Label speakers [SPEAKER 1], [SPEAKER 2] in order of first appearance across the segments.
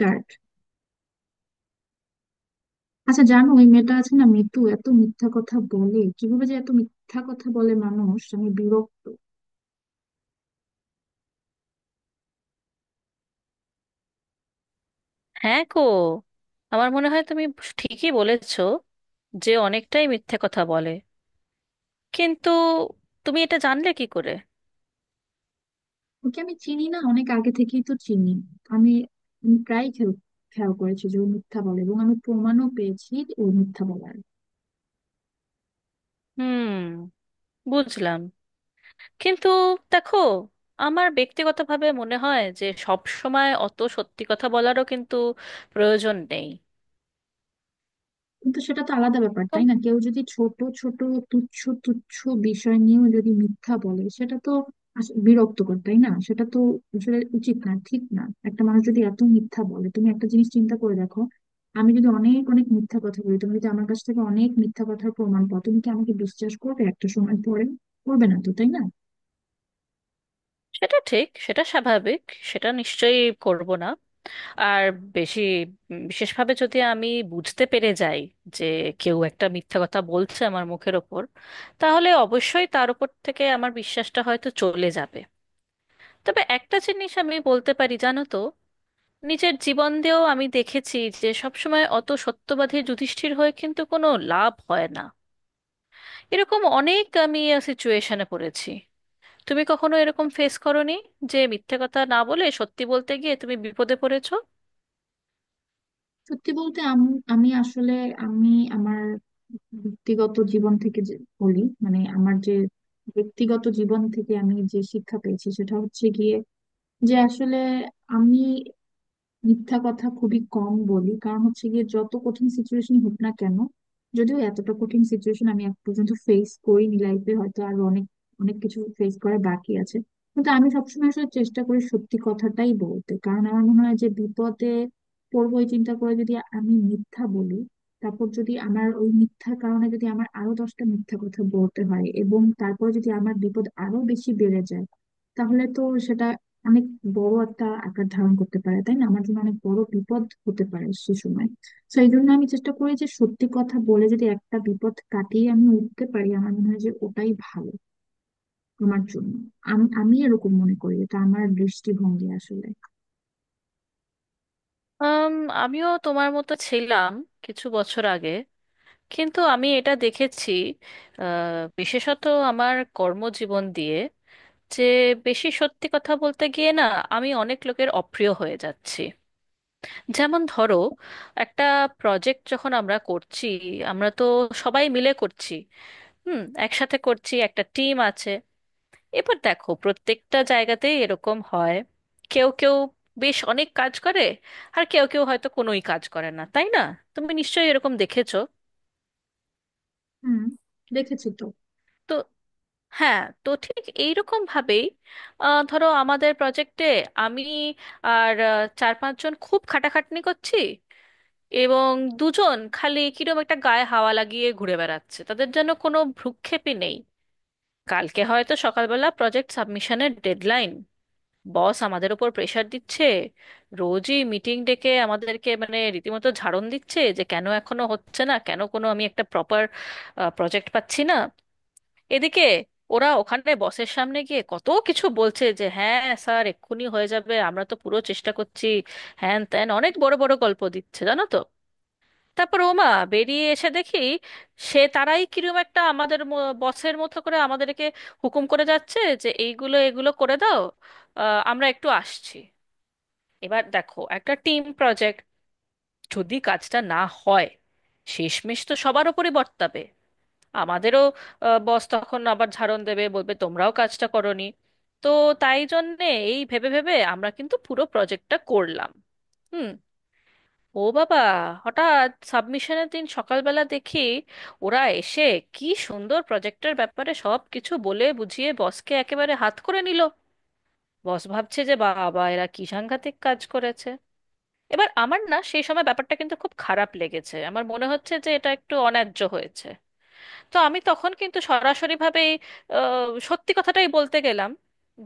[SPEAKER 1] Dirt. আচ্ছা, জানো ওই মেয়েটা আছে না, মিতু, এত মিথ্যা কথা বলে কিভাবে, যে এত মিথ্যা কথা বলে মানুষ, আমি বিরক্ত।
[SPEAKER 2] হ্যাঁ গো। আমার মনে হয় তুমি ঠিকই বলেছো যে অনেকটাই মিথ্যে কথা বলে, কিন্তু তুমি এটা জানলে কি করে?
[SPEAKER 1] ওকে আমি চিনি না, অনেক আগে থেকেই তো চিনি। আমি আমি প্রায় খেয়াল খেয়াল করেছি যে ও মিথ্যা বলে, এবং আমি প্রমাণও পেয়েছি ও মিথ্যা বলার।
[SPEAKER 2] হুম, বুঝলাম। কিন্তু দেখো, আমার ব্যক্তিগতভাবে মনে হয় যে সব সময় অত সত্যি কথা বলারও কিন্তু প্রয়োজন নেই।
[SPEAKER 1] কিন্তু সেটা তো আলাদা ব্যাপার
[SPEAKER 2] তো
[SPEAKER 1] তাই না? কেউ যদি ছোট ছোট তুচ্ছ তুচ্ছ বিষয় নিয়েও যদি মিথ্যা বলে, সেটা তো বিরক্তকর তাই না? সেটা তো আসলে উচিত না, ঠিক না। একটা মানুষ যদি এত মিথ্যা বলে, তুমি একটা জিনিস চিন্তা করে দেখো, আমি যদি অনেক অনেক মিথ্যা কথা বলি, তুমি যদি আমার কাছ থেকে অনেক মিথ্যা কথার প্রমাণ পাও, তুমি কি আমাকে বিশ্বাস করবে একটা সময় পরে? করবে না তো, তাই না?
[SPEAKER 2] সেটা ঠিক, সেটা স্বাভাবিক। সেটা নিশ্চয়ই করব না। আর বেশি বিশেষভাবে যদি আমি বুঝতে পেরে যাই যে কেউ একটা মিথ্যা কথা বলছে আমার মুখের ওপর, তাহলে অবশ্যই তার উপর থেকে আমার বিশ্বাসটা হয়তো চলে যাবে। তবে একটা জিনিস আমি বলতে পারি, জানো তো, নিজের জীবন দিয়েও আমি দেখেছি যে সবসময় অত সত্যবাদী যুধিষ্ঠির হয়ে কিন্তু কোনো লাভ হয় না। এরকম অনেক আমি সিচুয়েশনে পড়েছি। তুমি কখনো এরকম ফেস করোনি যে মিথ্যে কথা না বলে সত্যি বলতে গিয়ে তুমি বিপদে পড়েছো?
[SPEAKER 1] সত্যি বলতে, আমি আমি আসলে, আমি আমার ব্যক্তিগত জীবন থেকে যে বলি, মানে আমার যে ব্যক্তিগত জীবন থেকে আমি যে শিক্ষা পেয়েছি সেটা হচ্ছে গিয়ে যে আসলে আমি মিথ্যা কথা খুবই কম বলি। কারণ হচ্ছে গিয়ে, যত কঠিন সিচুয়েশন হোক না কেন, যদিও এতটা কঠিন সিচুয়েশন আমি এক পর্যন্ত ফেস করিনি লাইফে, হয়তো আর অনেক অনেক কিছু ফেস করা বাকি আছে, কিন্তু আমি সবসময় আসলে চেষ্টা করি সত্যি কথাটাই বলতে। কারণ আমার মনে হয় যে, বিপদে পড়বো এই চিন্তা করে যদি আমি মিথ্যা বলি, তারপর যদি আমার ওই মিথ্যার কারণে যদি আমার আরো 10টা মিথ্যা কথা বলতে হয়, এবং তারপর যদি আমার বিপদ আরো বেশি বেড়ে যায়, তাহলে তো সেটা অনেক বড় একটা আকার ধারণ করতে পারে তাই না, আমার জন্য অনেক বড় বিপদ হতে পারে সে সময়। তো এই জন্য আমি চেষ্টা করি যে, সত্যি কথা বলে যদি একটা বিপদ কাটিয়ে আমি উঠতে পারি, আমার মনে হয় যে ওটাই ভালো আমার জন্য। আমি আমি এরকম মনে করি, এটা আমার দৃষ্টিভঙ্গি আসলে।
[SPEAKER 2] আম, আমিও তোমার মতো ছিলাম কিছু বছর আগে। কিন্তু আমি এটা দেখেছি, আহ, বিশেষত আমার কর্মজীবন দিয়ে, যে বেশি সত্যি কথা বলতে গিয়ে না আমি অনেক লোকের অপ্রিয় হয়ে যাচ্ছি। যেমন ধরো, একটা প্রজেক্ট যখন আমরা করছি, আমরা তো সবাই মিলে করছি, হুম, একসাথে করছি, একটা টিম আছে। এবার দেখো, প্রত্যেকটা জায়গাতেই এরকম হয়। কেউ কেউ বেশ অনেক কাজ করে, আর কেউ কেউ হয়তো কোনোই কাজ করে না, তাই না? তুমি নিশ্চয়ই এরকম দেখেছো।
[SPEAKER 1] হুম, দেখেছি তো।
[SPEAKER 2] তো হ্যাঁ, তো ঠিক এইরকম ভাবেই ধরো, আমাদের প্রজেক্টে আমি আর চার পাঁচজন খুব খাটাখাটনি করছি, এবং দুজন খালি কিরম একটা গায়ে হাওয়া লাগিয়ে ঘুরে বেড়াচ্ছে, তাদের জন্য কোনো ভ্রুক্ষেপই নেই। কালকে হয়তো সকালবেলা প্রজেক্ট সাবমিশনের ডেডলাইন, বস আমাদের ওপর প্রেশার দিচ্ছে, রোজই মিটিং ডেকে আমাদেরকে মানে রীতিমতো ঝাড়ন দিচ্ছে যে কেন এখনো হচ্ছে না, কেন কোনো আমি একটা প্রপার প্রজেক্ট পাচ্ছি না। এদিকে ওরা ওখানে বসের সামনে গিয়ে কত কিছু বলছে যে হ্যাঁ স্যার, এক্ষুনি হয়ে যাবে, আমরা তো পুরো চেষ্টা করছি, হ্যান ত্যান অনেক বড় বড় গল্প দিচ্ছে, জানো তো। তারপর ওমা, বেরিয়ে এসে দেখি সে তারাই কিরম একটা আমাদের বসের মতো করে আমাদেরকে হুকুম করে যাচ্ছে যে এইগুলো এগুলো করে দাও, আমরা একটু আসছি। এবার দেখো, একটা টিম প্রজেক্ট, যদি কাজটা না হয় শেষমেশ তো সবার ওপরই বর্তাবে, আমাদেরও। বস তখন আবার ঝাড়ন দেবে, বলবে তোমরাও কাজটা করোনি। তো তাই জন্যে এই ভেবে ভেবে আমরা কিন্তু পুরো প্রজেক্টটা করলাম। হুম। ও বাবা, হঠাৎ সাবমিশনের দিন সকালবেলা দেখি ওরা এসে কি সুন্দর প্রজেক্টের ব্যাপারে সব কিছু বলে বুঝিয়ে বসকে একেবারে হাত করে নিল। বস ভাবছে যে বাবা, এরা কি সাংঘাতিক কাজ করেছে। এবার আমার না সেই সময় ব্যাপারটা কিন্তু খুব খারাপ লেগেছে, আমার মনে হচ্ছে যে এটা একটু অন্যায্য হয়েছে। তো আমি তখন কিন্তু সরাসরিভাবেই সত্যি কথাটাই বলতে গেলাম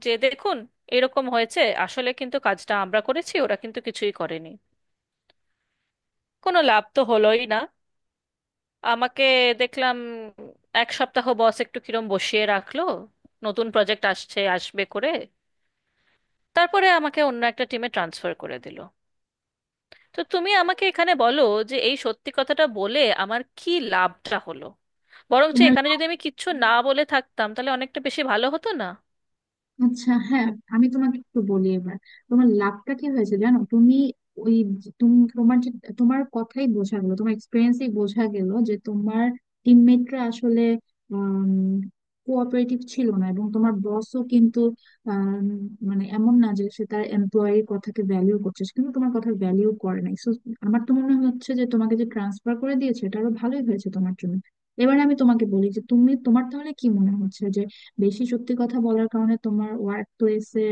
[SPEAKER 2] যে দেখুন, এরকম হয়েছে, আসলে কিন্তু কাজটা আমরা করেছি, ওরা কিন্তু কিছুই করেনি। কোনো লাভ তো হলোই না। আমাকে দেখলাম এক সপ্তাহ বস একটু কিরম বসিয়ে রাখলো, নতুন প্রজেক্ট আসছে আসবে করে, তারপরে আমাকে অন্য একটা টিমে ট্রান্সফার করে দিল। তো তুমি আমাকে এখানে বলো যে এই সত্যি কথাটা বলে আমার কি লাভটা হলো? বরঞ্চ
[SPEAKER 1] তোমার,
[SPEAKER 2] এখানে যদি আমি কিচ্ছু না বলে থাকতাম তাহলে অনেকটা বেশি ভালো হতো না?
[SPEAKER 1] আচ্ছা হ্যাঁ, আমি তোমাকে একটু বলি এবার। তোমার লাভটা কি হয়েছে জানো তুমি? ওই তুমি তোমার যে, তোমার কথাই বোঝা গেল, তোমার এক্সপিরিয়েন্সই বোঝা গেল যে তোমার টিমমেটরা আসলে কোঅপারেটিভ ছিল না, এবং তোমার বসও কিন্তু, আম, মানে এমন না যে সে তার এমপ্লয়ির কথাকে ভ্যালিউ করছে, সে কিন্তু তোমার কথা ভ্যালিউ করে নাই। সো আমার তো মনে হচ্ছে যে, তোমাকে যে ট্রান্সফার করে দিয়েছে এটা আরো ভালোই হয়েছে তোমার জন্য। এবার আমি তোমাকে বলি যে, তুমি তোমার তাহলে কি মনে হচ্ছে, বেশি সত্যি কথা বলার কারণে তোমার ওয়ার্ক প্লেসে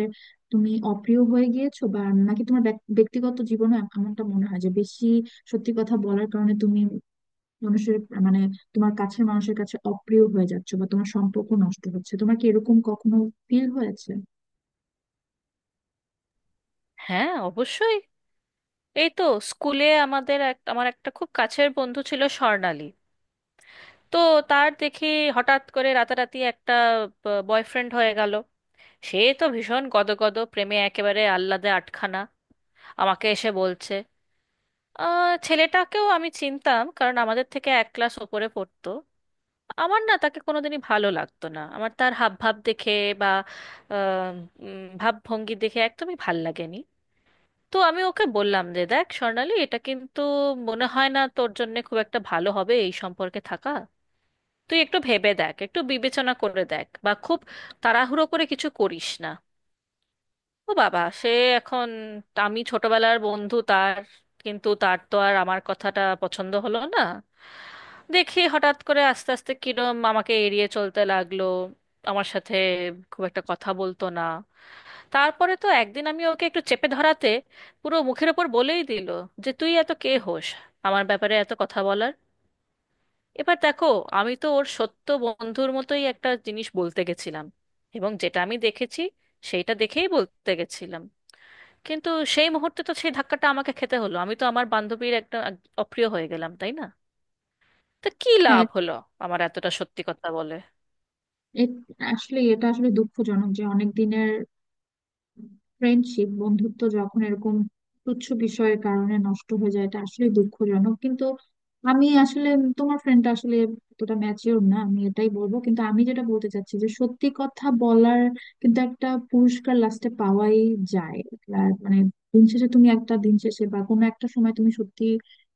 [SPEAKER 1] তুমি অপ্রিয় হয়ে গিয়েছো, বা নাকি তোমার ব্যক্তিগত জীবনে এমনটা মনে হয় যে, বেশি সত্যি কথা বলার কারণে তুমি মানুষের, মানে তোমার কাছের মানুষের কাছে অপ্রিয় হয়ে যাচ্ছো, বা তোমার সম্পর্ক নষ্ট হচ্ছে? তোমার কি এরকম কখনো ফিল হয়েছে?
[SPEAKER 2] হ্যাঁ অবশ্যই। এই তো স্কুলে আমাদের এক আমার একটা খুব কাছের বন্ধু ছিল, স্বর্ণালী। তো তার দেখি হঠাৎ করে রাতারাতি একটা বয়ফ্রেন্ড হয়ে গেল। সে তো ভীষণ গদগদ প্রেমে, একেবারে আহ্লাদে আটখানা, আমাকে এসে বলছে। ছেলেটাকেও আমি চিনতাম, কারণ আমাদের থেকে এক ক্লাস ওপরে পড়তো। আমার না তাকে কোনোদিনই ভালো লাগতো না, আমার তার হাবভাব দেখে বা আহ, ভাবভঙ্গি দেখে একদমই ভাল লাগেনি। তো আমি ওকে বললাম যে দেখ স্বর্ণালী, এটা কিন্তু মনে হয় না তোর জন্য খুব একটা ভালো হবে এই সম্পর্কে থাকা। তুই একটু ভেবে দেখ, একটু বিবেচনা করে দেখ, বা খুব তাড়াহুড়ো করে কিছু করিস না। ও বাবা, সে এখন আমি ছোটবেলার বন্ধু তার, কিন্তু তার তো আর আমার কথাটা পছন্দ হলো না। দেখি হঠাৎ করে আস্তে আস্তে কিরম আমাকে এড়িয়ে চলতে লাগলো, আমার সাথে খুব একটা কথা বলতো না। তারপরে তো একদিন আমি ওকে একটু চেপে ধরাতে পুরো মুখের ওপর বলেই দিল যে তুই এত কে হোস আমার ব্যাপারে এত কথা বলার? এবার দেখো, আমি তো ওর সত্য বন্ধুর মতোই একটা জিনিস বলতে গেছিলাম, এবং যেটা আমি দেখেছি সেইটা দেখেই বলতে গেছিলাম, কিন্তু সেই মুহূর্তে তো সেই ধাক্কাটা আমাকে খেতে হলো। আমি তো আমার বান্ধবীর একটা অপ্রিয় হয়ে গেলাম, তাই না? তো কি
[SPEAKER 1] হ্যাঁ।
[SPEAKER 2] লাভ হলো আমার এতটা সত্যি কথা বলে?
[SPEAKER 1] এ- আসলে এটা আসলে দুঃখজনক যে, অনেক দিনের ফ্রেন্ডশিপ বন্ধুত্ব যখন এরকম তুচ্ছ বিষয়ের কারণে নষ্ট হয়ে যায়, এটা আসলে দুঃখজনক। কিন্তু আমি আসলে, তোমার ফ্রেন্ডটা আসলে এতটা ম্যাচিওর না, আমি এটাই বলবো। কিন্তু আমি যেটা বলতে চাচ্ছি যে, সত্যি কথা বলার কিন্তু একটা পুরস্কার লাস্টে পাওয়াই যায়। আর মানে, দিন শেষে তুমি একটা দিন শেষে বা কোনো একটা সময় তুমি সত্যি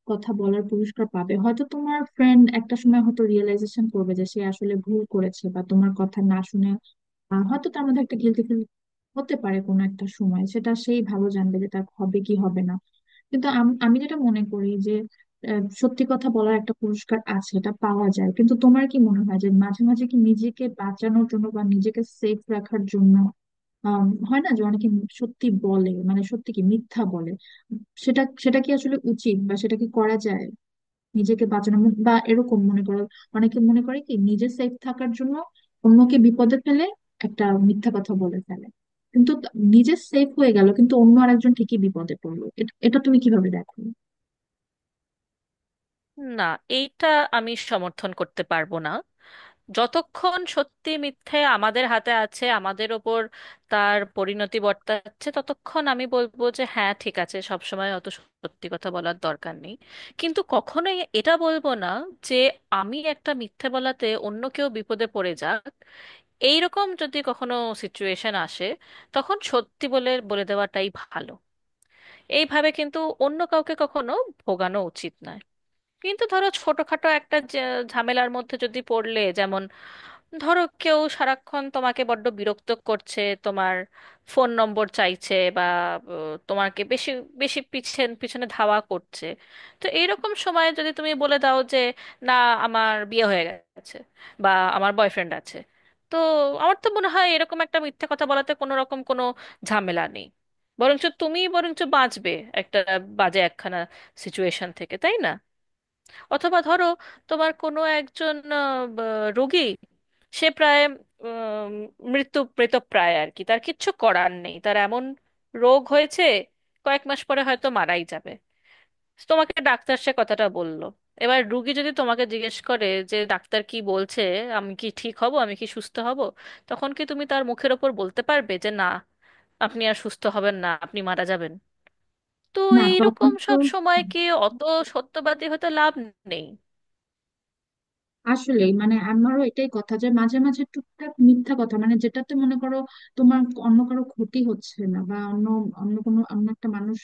[SPEAKER 1] কথা বলার পুরস্কার পাবে। হয়তো তোমার ফ্রেন্ড একটা সময় হয়তো রিয়েলাইজেশন করবে যে সে আসলে ভুল করেছে, বা তোমার কথা না শুনে, হয়তো তার মধ্যে একটা গিলটি ফিল হতে পারে কোনো একটা সময়। সেটা সেই ভালো জানবে যে তার হবে কি হবে না, কিন্তু আমি যেটা মনে করি যে, সত্যি কথা বলার একটা পুরস্কার আছে, এটা পাওয়া যায়। কিন্তু তোমার কি মনে হয় যে, মাঝে মাঝে কি নিজেকে বাঁচানোর জন্য বা নিজেকে সেফ রাখার জন্য, হয় না যে অনেকে সত্যি বলে, মানে সত্যি কি মিথ্যা বলে, সেটা সেটা কি আসলে উচিত বা সেটা কি করা যায়? নিজেকে বাঁচানো বা এরকম মনে করো, অনেকে মনে করে কি নিজে সেফ থাকার জন্য অন্যকে বিপদে ফেলে একটা মিথ্যা কথা বলে ফেলে, কিন্তু নিজে সেফ হয়ে গেল কিন্তু অন্য আরেকজন ঠিকই বিপদে পড়লো, এটা এটা তুমি কিভাবে দেখো?
[SPEAKER 2] না, এইটা আমি সমর্থন করতে পারবো না। যতক্ষণ সত্যি মিথ্যে আমাদের হাতে আছে, আমাদের ওপর তার পরিণতি বর্তাচ্ছে, ততক্ষণ আমি বলবো যে হ্যাঁ ঠিক আছে, সব সময় অত সত্যি কথা বলার দরকার নেই। কিন্তু কখনোই এটা বলবো না যে আমি একটা মিথ্যে বলাতে অন্য কেউ বিপদে পড়ে যাক। এইরকম যদি কখনো সিচুয়েশন আসে, তখন সত্যি বলে বলে দেওয়াটাই ভালো। এইভাবে কিন্তু অন্য কাউকে কখনো ভোগানো উচিত নয়। কিন্তু ধরো ছোটখাটো একটা ঝামেলার মধ্যে যদি পড়লে, যেমন ধরো কেউ সারাক্ষণ তোমাকে বড্ড বিরক্ত করছে, তোমার ফোন নম্বর চাইছে, বা তোমাকে বেশি বেশি পিছন পিছনে ধাওয়া করছে। তো এইরকম সময়ে যদি তুমি বলে দাও যে না, আমার বিয়ে হয়ে গেছে, বা আমার বয়ফ্রেন্ড আছে, তো আমার তো মনে হয় এরকম একটা মিথ্যে কথা বলাতে কোনো রকম কোনো ঝামেলা নেই। বরঞ্চ তুমি বরঞ্চ বাঁচবে একটা বাজে একখানা সিচুয়েশন থেকে, তাই না? অথবা ধরো তোমার কোনো একজন রোগী, সে প্রায় উম, মৃত্যু প্রায় আর কি, তার কিচ্ছু করার নেই, তার এমন রোগ হয়েছে, কয়েক মাস পরে হয়তো মারাই যাবে। তোমাকে ডাক্তার সে কথাটা বললো। এবার রুগী যদি তোমাকে জিজ্ঞেস করে যে ডাক্তার কি বলছে, আমি কি ঠিক হব, আমি কি সুস্থ হব, তখন কি তুমি তার মুখের ওপর বলতে পারবে যে না, আপনি আর সুস্থ হবেন না, আপনি মারা যাবেন? তো
[SPEAKER 1] না তখন
[SPEAKER 2] এইরকম
[SPEAKER 1] তো,
[SPEAKER 2] সব সময়কে অত সত্যবাদী হতে লাভ নেই।
[SPEAKER 1] আসলে মানে আমারও এটাই কথা যে, মাঝে মাঝে টুকটাক মিথ্যা কথা, মানে যেটাতে মনে করো তোমার অন্য কারো ক্ষতি হচ্ছে না, বা অন্য অন্য কোনো অন্য একটা মানুষ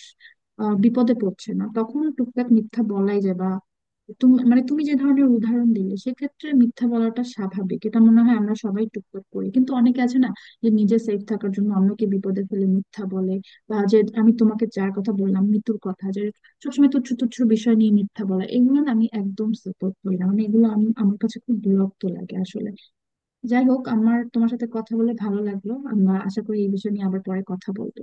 [SPEAKER 1] বিপদে পড়ছে না, তখন টুকটাক মিথ্যা বলাই যায়। বা তুমি মানে তুমি যে ধরনের উদাহরণ দিলে, সেক্ষেত্রে মিথ্যা বলাটা স্বাভাবিক, এটা মনে হয় আমরা সবাই টুকটাক করি। কিন্তু অনেকে আছে না, যে নিজে সেফ থাকার জন্য অন্যকে বিপদে ফেলে মিথ্যা বলে, বা যে আমি তোমাকে যার কথা বললাম মিতুর কথা, যে সবসময় তুচ্ছ তুচ্ছ বিষয় নিয়ে মিথ্যা বলা, এগুলো না আমি একদম সাপোর্ট করি না। মানে এগুলো আমার কাছে খুব বিরক্ত লাগে আসলে। যাই হোক, আমার তোমার সাথে কথা বলে ভালো লাগলো, আমরা আশা করি এই বিষয় নিয়ে আবার পরে কথা বলবো।